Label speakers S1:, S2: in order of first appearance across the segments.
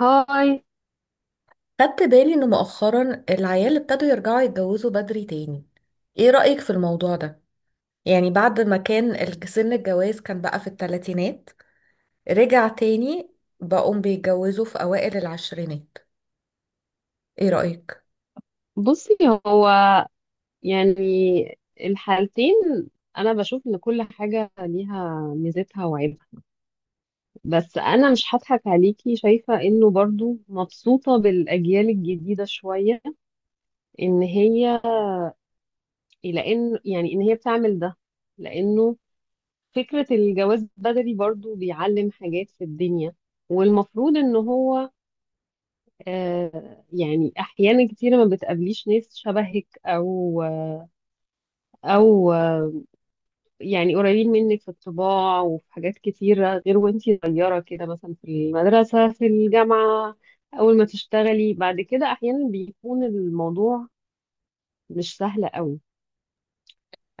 S1: هاي.
S2: خدت بالي ان مؤخرا العيال ابتدوا يرجعوا يتجوزوا بدري تاني. ايه رأيك في الموضوع ده؟ يعني بعد ما كان سن الجواز كان بقى في الثلاثينات، رجع تاني، بقوم بيتجوزوا في اوائل العشرينات. ايه رأيك؟
S1: بصي، هو يعني الحالتين، انا بشوف ان كل حاجة ليها ميزتها وعيبها. بس انا مش هضحك عليكي، شايفة انه برضو مبسوطة بالاجيال الجديدة شوية. ان هي ان هي بتعمل ده لانه فكرة الجواز بدري برضو بيعلم حاجات في الدنيا. والمفروض ان هو احيانا كتيرة ما بتقابليش ناس شبهك او يعني قريبين منك في الطباع وفي حاجات كتيرة، غير وانتي صغيرة كده، مثلا في المدرسة في الجامعة، أول ما تشتغلي بعد كده، أحيانا بيكون الموضوع مش سهل قوي.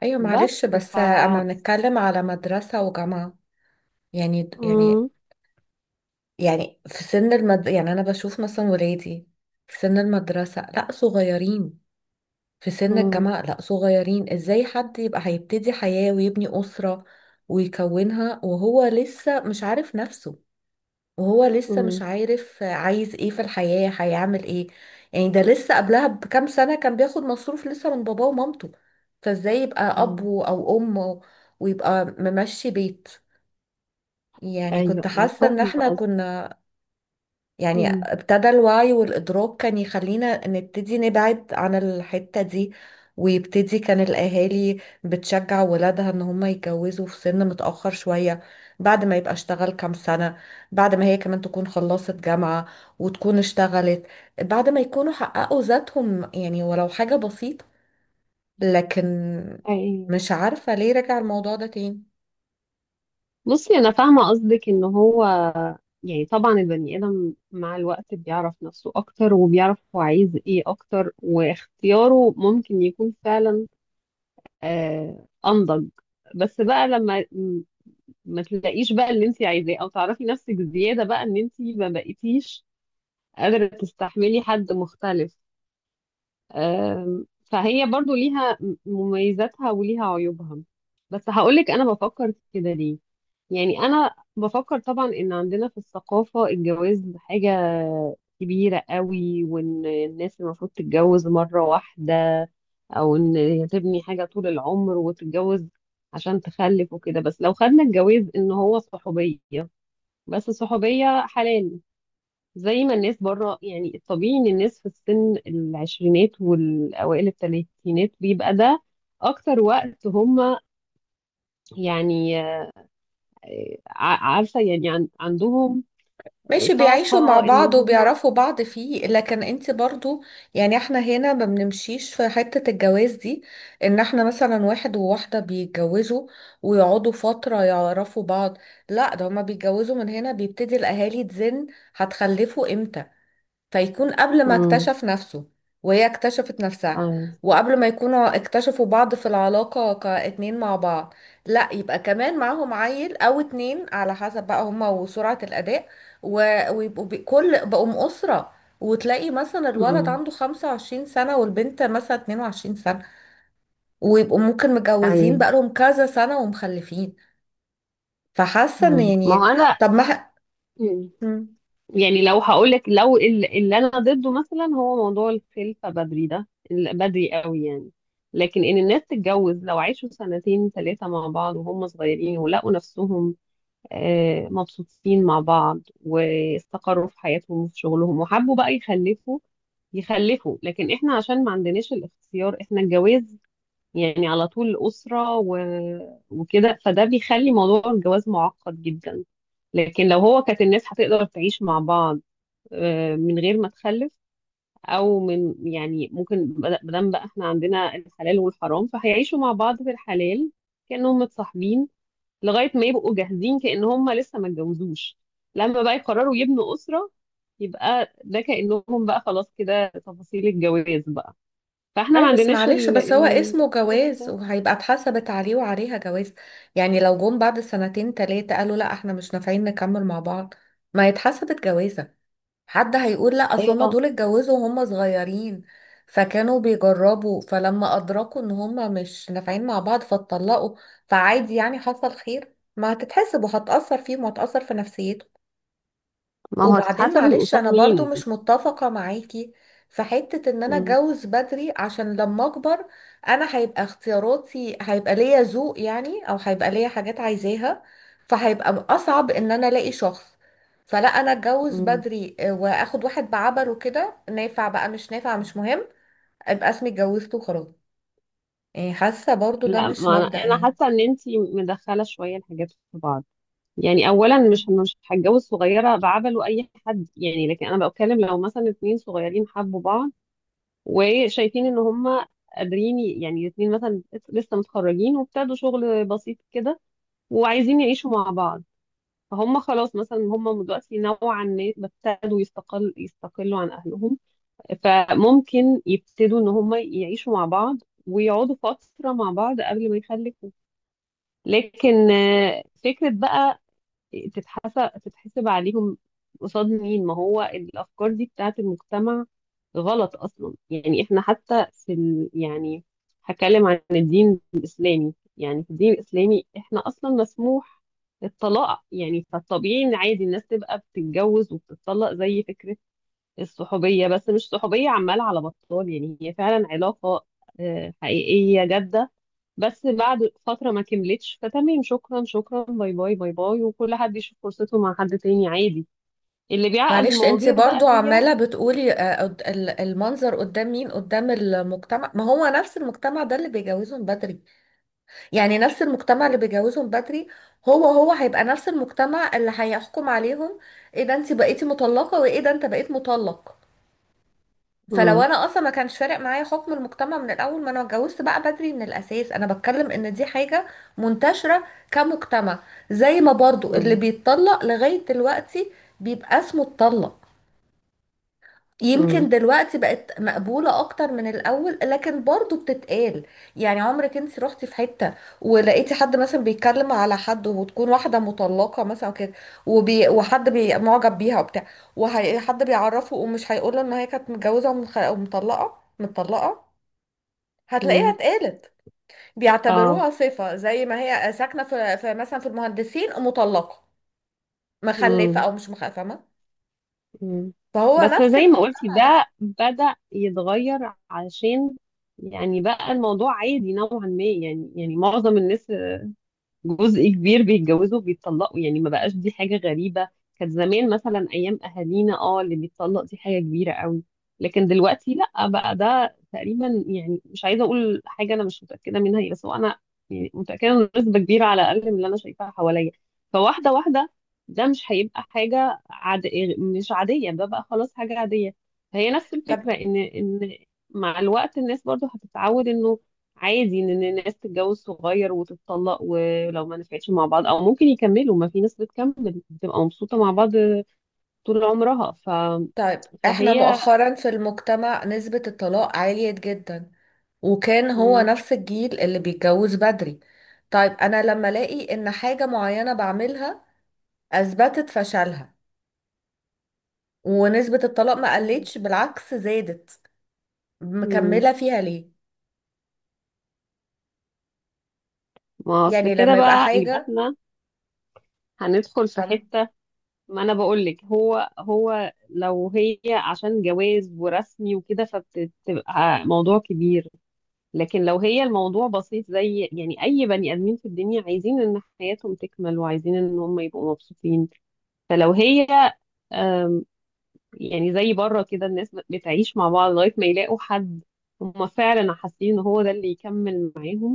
S2: ايوه معلش،
S1: بس ف
S2: بس اما نتكلم على مدرسة وجامعة، يعني يعني
S1: مم،
S2: يعني يعني انا بشوف مثلا ولادي في سن المدرسة لا صغيرين، في سن
S1: مم،
S2: الجامعة لا صغيرين. ازاي حد يبقى هيبتدي حياة ويبني أسرة ويكونها وهو لسه مش عارف نفسه، وهو لسه مش
S1: مم،
S2: عارف عايز ايه في الحياة، هيعمل ايه؟ يعني ده لسه قبلها بكام سنة كان بياخد مصروف لسه من باباه ومامته، فازاي يبقى أب
S1: مم.
S2: أو أم ويبقى ممشي بيت؟ يعني
S1: أيوه
S2: كنت
S1: أيوه،
S2: حاسة ان
S1: فاهمة
S2: احنا
S1: قصدك.
S2: كنا، يعني
S1: مم،
S2: ابتدى الوعي والإدراك كان يخلينا نبتدي نبعد عن الحتة دي، ويبتدي كان الأهالي بتشجع ولادها إن هم يتجوزوا في سن متأخر شوية، بعد ما يبقى اشتغل كام سنة، بعد ما هي كمان تكون خلصت جامعة وتكون اشتغلت، بعد ما يكونوا حققوا ذاتهم يعني ولو حاجة بسيطة. لكن
S1: أيوه.
S2: مش عارفة ليه رجع الموضوع ده تاني.
S1: بصي، أنا فاهمة قصدك. إن هو يعني طبعا البني آدم مع الوقت بيعرف نفسه أكتر وبيعرف هو عايز إيه أكتر، واختياره ممكن يكون فعلا انضج. بس بقى لما ما تلاقيش بقى اللي انت عايزاه، او تعرفي نفسك زياده بقى، ان انت ما بقيتيش قادره تستحملي حد مختلف. آم، فهي برضو ليها مميزاتها وليها عيوبها. بس هقولك انا بفكر كده ليه. يعني انا بفكر طبعا ان عندنا في الثقافه الجواز حاجه كبيره قوي، وان الناس المفروض تتجوز مره واحده، او ان هي تبني حاجه طول العمر وتتجوز عشان تخلف وكده. بس لو خدنا الجواز ان هو صحوبيه، بس صحوبيه حلال، زي ما الناس بره، يعني الطبيعي ان الناس في السن العشرينات والاوائل الثلاثينات بيبقى ده اكتر وقت هم، يعني عارفه، يعني عندهم
S2: ماشي، بيعيشوا مع
S1: طاقه ان
S2: بعض
S1: هم.
S2: وبيعرفوا بعض فيه، لكن انت برضو، يعني احنا هنا ما بنمشيش في حتة الجواز دي، ان احنا مثلا واحد وواحدة بيتجوزوا ويقعدوا فترة يعرفوا بعض، لا، ده هما بيتجوزوا. من هنا بيبتدي الاهالي تزن: هتخلفوا امتى؟ فيكون قبل ما
S1: امم
S2: اكتشف نفسه وهي اكتشفت نفسها، وقبل ما يكونوا اكتشفوا بعض في العلاقة كاتنين مع بعض، لا يبقى كمان معاهم عيل او اتنين على حسب بقى هما وسرعة الاداء، ويبقوا بي- كل بقوا اسرة. وتلاقي مثلا الولد
S1: امم
S2: عنده 25 سنة والبنت مثلا 22 سنة، ويبقوا ممكن متجوزين
S1: ايوه.
S2: بقالهم كذا سنة ومخلفين. فحاسة ان
S1: ما هو
S2: يعني،
S1: انا
S2: طب ما ح-
S1: يعني لو هقولك، لو اللي انا ضده مثلا هو موضوع الخلفه بدري، ده بدري قوي يعني. لكن ان الناس تتجوز لو عاشوا سنتين ثلاثه مع بعض وهم صغيرين ولقوا نفسهم مبسوطين مع بعض، واستقروا في حياتهم وفي شغلهم، وحبوا بقى يخلفوا. لكن احنا عشان ما عندناش الاختيار، احنا الجواز يعني على طول أسرة و... وكده، فده بيخلي موضوع الجواز معقد جدا. لكن لو هو كانت الناس هتقدر تعيش مع بعض من غير ما تخلف، او من، يعني ممكن مادام بقى احنا عندنا الحلال والحرام، فهيعيشوا مع بعض في الحلال كانهم متصاحبين لغايه ما يبقوا جاهزين، كان هم لسه ما اتجوزوش. لما بقى يقرروا يبنوا اسره، يبقى ده كانهم بقى خلاص كده، تفاصيل الجواز بقى. فاحنا ما
S2: اي بس
S1: عندناش
S2: معلش، بس هو اسمه
S1: الاختيار
S2: جواز،
S1: ده.
S2: وهيبقى اتحسبت عليه وعليها جواز. يعني لو جم بعد سنتين تلاتة قالوا لا احنا مش نافعين نكمل مع بعض، ما يتحسبت جوازة؟ حد هيقول لا، اصل هما
S1: ايوه،
S2: دول اتجوزوا وهم صغيرين فكانوا بيجربوا، فلما ادركوا ان هما مش نافعين مع بعض فاتطلقوا، فعادي يعني حصل خير. ما هتتحسب وهتأثر فيهم وهتأثر في نفسيتهم.
S1: ما هو
S2: وبعدين
S1: هتتحسب
S2: معلش،
S1: قصاد
S2: انا برضو
S1: مين؟
S2: مش متفقة معاكي في حتة ان انا
S1: مم.
S2: اتجوز بدري عشان لما اكبر انا هيبقى اختياراتي، هيبقى ليا ذوق يعني، او هيبقى ليا حاجات عايزاها، فهيبقى اصعب ان انا الاقي شخص. فلا، انا اتجوز
S1: مم.
S2: بدري واخد واحد بعبره كده، نافع بقى مش نافع مش مهم، ابقى اسمي اتجوزت وخلاص. يعني حاسة برضو ده
S1: لا،
S2: مش
S1: ما انا
S2: مبدأ
S1: أنا
S2: يعني.
S1: حاسه ان انتي مدخله شويه الحاجات في بعض. يعني اولا، مش هتجوز صغيره بعبله اي حد يعني، لكن انا بتكلم لو مثلا اتنين صغيرين حبوا بعض وشايفين ان هما قادرين يعني الاتنين مثلا لسه متخرجين وابتدوا شغل بسيط كده وعايزين يعيشوا مع بعض، فهم خلاص مثلا هم دلوقتي نوعا ما ابتدوا يستقلوا عن اهلهم. فممكن يبتدوا ان هم يعيشوا مع بعض، ويقعدوا فتره مع بعض قبل ما يخلفوا. لكن فكره بقى تتحسب عليهم قصاد مين؟ ما هو الافكار دي بتاعت المجتمع غلط اصلا. يعني احنا حتى في ال... يعني هتكلم عن الدين الاسلامي، يعني في الدين الاسلامي احنا اصلا مسموح الطلاق، يعني فالطبيعي ان عادي الناس تبقى بتتجوز وبتطلق، زي فكرة الصحوبية، بس مش صحوبية عمالة على بطال، يعني هي فعلا علاقة حقيقية جادة. بس بعد فترة ما كملتش، فتمام، شكرا شكرا، باي باي باي باي، وكل حد يشوف فرصته مع حد تاني عادي. اللي بيعقد
S2: معلش، انت
S1: المواضيع بقى
S2: برضو
S1: هي.
S2: عمالة بتقولي المنظر قدام مين، قدام المجتمع؟ ما هو نفس المجتمع ده اللي بيجوزهم بدري. يعني نفس المجتمع اللي بيجوزهم بدري هو هو هيبقى نفس المجتمع اللي هيحكم عليهم: ايه ده انت بقيتي مطلقة، وايه ده انت بقيت مطلق. فلو
S1: مم.
S2: انا اصلا ما كانش فارق معايا حكم المجتمع من الاول، ما انا اتجوزت بقى بدري من الاساس. انا بتكلم ان دي حاجة منتشرة كمجتمع، زي ما برضو اللي
S1: مم.
S2: بيتطلق لغاية دلوقتي بيبقى اسمه اتطلق. يمكن
S1: مم.
S2: دلوقتي بقت مقبولة أكتر من الأول، لكن برضو بتتقال. يعني عمرك انت رحتي في حتة ولقيتي حد مثلا بيتكلم على حد، وتكون واحدة مطلقة مثلا كده، وحد معجب بيها وبتاع، وحد بيعرفه، ومش هيقوله إن هي كانت متجوزة ومطلقة متطلقة؟ هتلاقيها
S1: مم.
S2: اتقالت.
S1: اه.
S2: بيعتبروها صفة، زي ما هي ساكنة في مثلا في المهندسين، مطلقة، مخلفة
S1: مم.
S2: أو مش مخلفة، فاهمة؟
S1: مم.
S2: فهو
S1: بس
S2: نفس
S1: زي ما قلتي،
S2: المجتمع ده.
S1: ده بدأ يتغير، علشان يعني بقى الموضوع عادي نوعا ما. يعني معظم الناس، جزء كبير، بيتجوزوا وبيتطلقوا، يعني ما بقاش دي حاجة غريبة. كانت زمان مثلا أيام أهالينا، اه، اللي بيتطلق دي حاجة كبيرة قوي، لكن دلوقتي لأ، بقى ده تقريبا، يعني مش عايزة أقول حاجة أنا مش متأكدة منها، هي بس هو أنا يعني متأكدة إن نسبة كبيرة على الأقل من اللي أنا شايفاها حواليا، فواحدة، ده مش هيبقى حاجة مش عادية، ده بقى خلاص حاجة عادية. فهي نفس الفكرة،
S2: طب،
S1: إن مع الوقت الناس برضو هتتعود إنه عادي ان الناس تتجوز صغير وتتطلق ولو ما نفعتش مع بعض، او ممكن يكملوا، ما في ناس بتكمل بتبقى مبسوطة مع بعض طول عمرها. ف...
S2: طيب احنا
S1: فهي
S2: مؤخرا في المجتمع نسبة الطلاق عالية جدا، وكان هو
S1: مم.
S2: نفس الجيل اللي بيتجوز بدري. طيب انا لما الاقي ان حاجة معينة بعملها اثبتت فشلها، ونسبة الطلاق ما
S1: مم.
S2: قلتش، بالعكس زادت،
S1: مم.
S2: مكملة فيها ليه؟
S1: ما اصل
S2: يعني
S1: كده
S2: لما يبقى
S1: بقى، يبقى
S2: حاجة،
S1: احنا هندخل في
S2: فاهم؟
S1: حتة. ما انا بقول لك، هو لو هي عشان جواز ورسمي وكده، فبتبقى موضوع كبير. لكن لو هي الموضوع بسيط، زي يعني اي بني ادمين في الدنيا عايزين ان حياتهم تكمل وعايزين ان هم يبقوا مبسوطين، فلو هي آم، يعني زي بره كده الناس بتعيش مع بعض لغاية ما يلاقوا حد هما فعلا حاسين ان هو ده اللي يكمل معاه،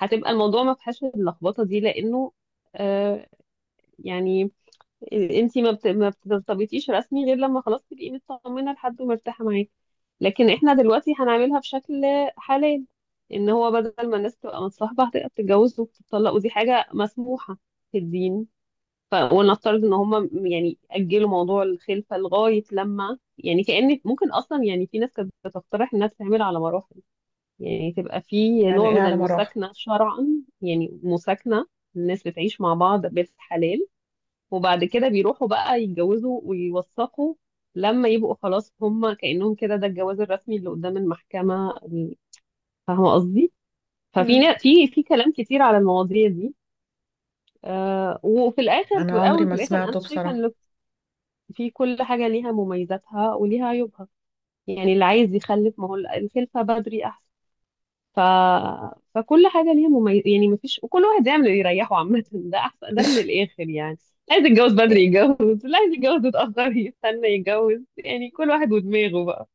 S1: هتبقى الموضوع ما فيهاش اللخبطة دي. لانه آه، يعني انتي ما بترتبطيش رسمي غير لما خلاص تبقي مطمنة لحد ومرتاحة معاه. لكن احنا دلوقتي هنعملها بشكل حلال، ان هو بدل ما الناس تبقى متصاحبة هتبقى بتتجوز وبتطلق، ودي حاجة مسموحة في الدين. ولنفترض ان هم يعني اجلوا موضوع الخلفه لغايه لما، يعني كأن ممكن اصلا، يعني في ناس كانت بتقترح انها تتعمل على مراحل. يعني تبقى في
S2: يعني
S1: نوع
S2: ايه
S1: من
S2: على مراحل؟
S1: المساكنه شرعا، يعني مساكنه، الناس بتعيش مع بعض بالحلال، وبعد كده بيروحوا بقى يتجوزوا ويوثقوا لما يبقوا خلاص. هم كأنهم كده ده الجواز الرسمي اللي قدام المحكمة فاهمة قصدي؟ ففي
S2: مم.
S1: نا- في في كلام كتير على المواضيع دي. آه، وفي الآخر في
S2: انا عمري
S1: الأول
S2: ما
S1: وفي الآخر أنا
S2: سمعته
S1: شايفة
S2: بصراحة.
S1: ان في كل حاجة ليها مميزاتها وليها عيوبها. يعني اللي عايز يخلف، ما هو الخلفة بدري أحسن. ف... فكل حاجة ليها مميز، يعني مفيش، وكل واحد يعمل اللي يريحه. عامة ده أحسن ده من الآخر يعني. عايز يتجوز بدري يتجوز، اللي عايز يتجوز يتأخر يستنى يتجوز، يعني كل واحد ودماغه بقى.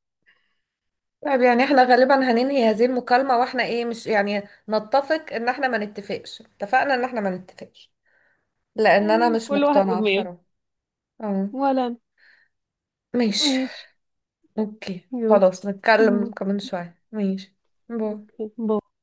S2: طيب، يعني احنا غالبا هننهي هذه المكالمة واحنا ايه، مش يعني نتفق، ان احنا ما نتفقش. اتفقنا ان احنا ما نتفقش لان انا
S1: تمام،
S2: مش
S1: كل واحد
S2: مقتنعة
S1: ودماغه.
S2: بصراحة. اه.
S1: ولا أنا.
S2: ماشي.
S1: ماشي.
S2: اوكي
S1: يلا.
S2: خلاص، نتكلم كمان شوية، ماشي، باي.
S1: أوكي.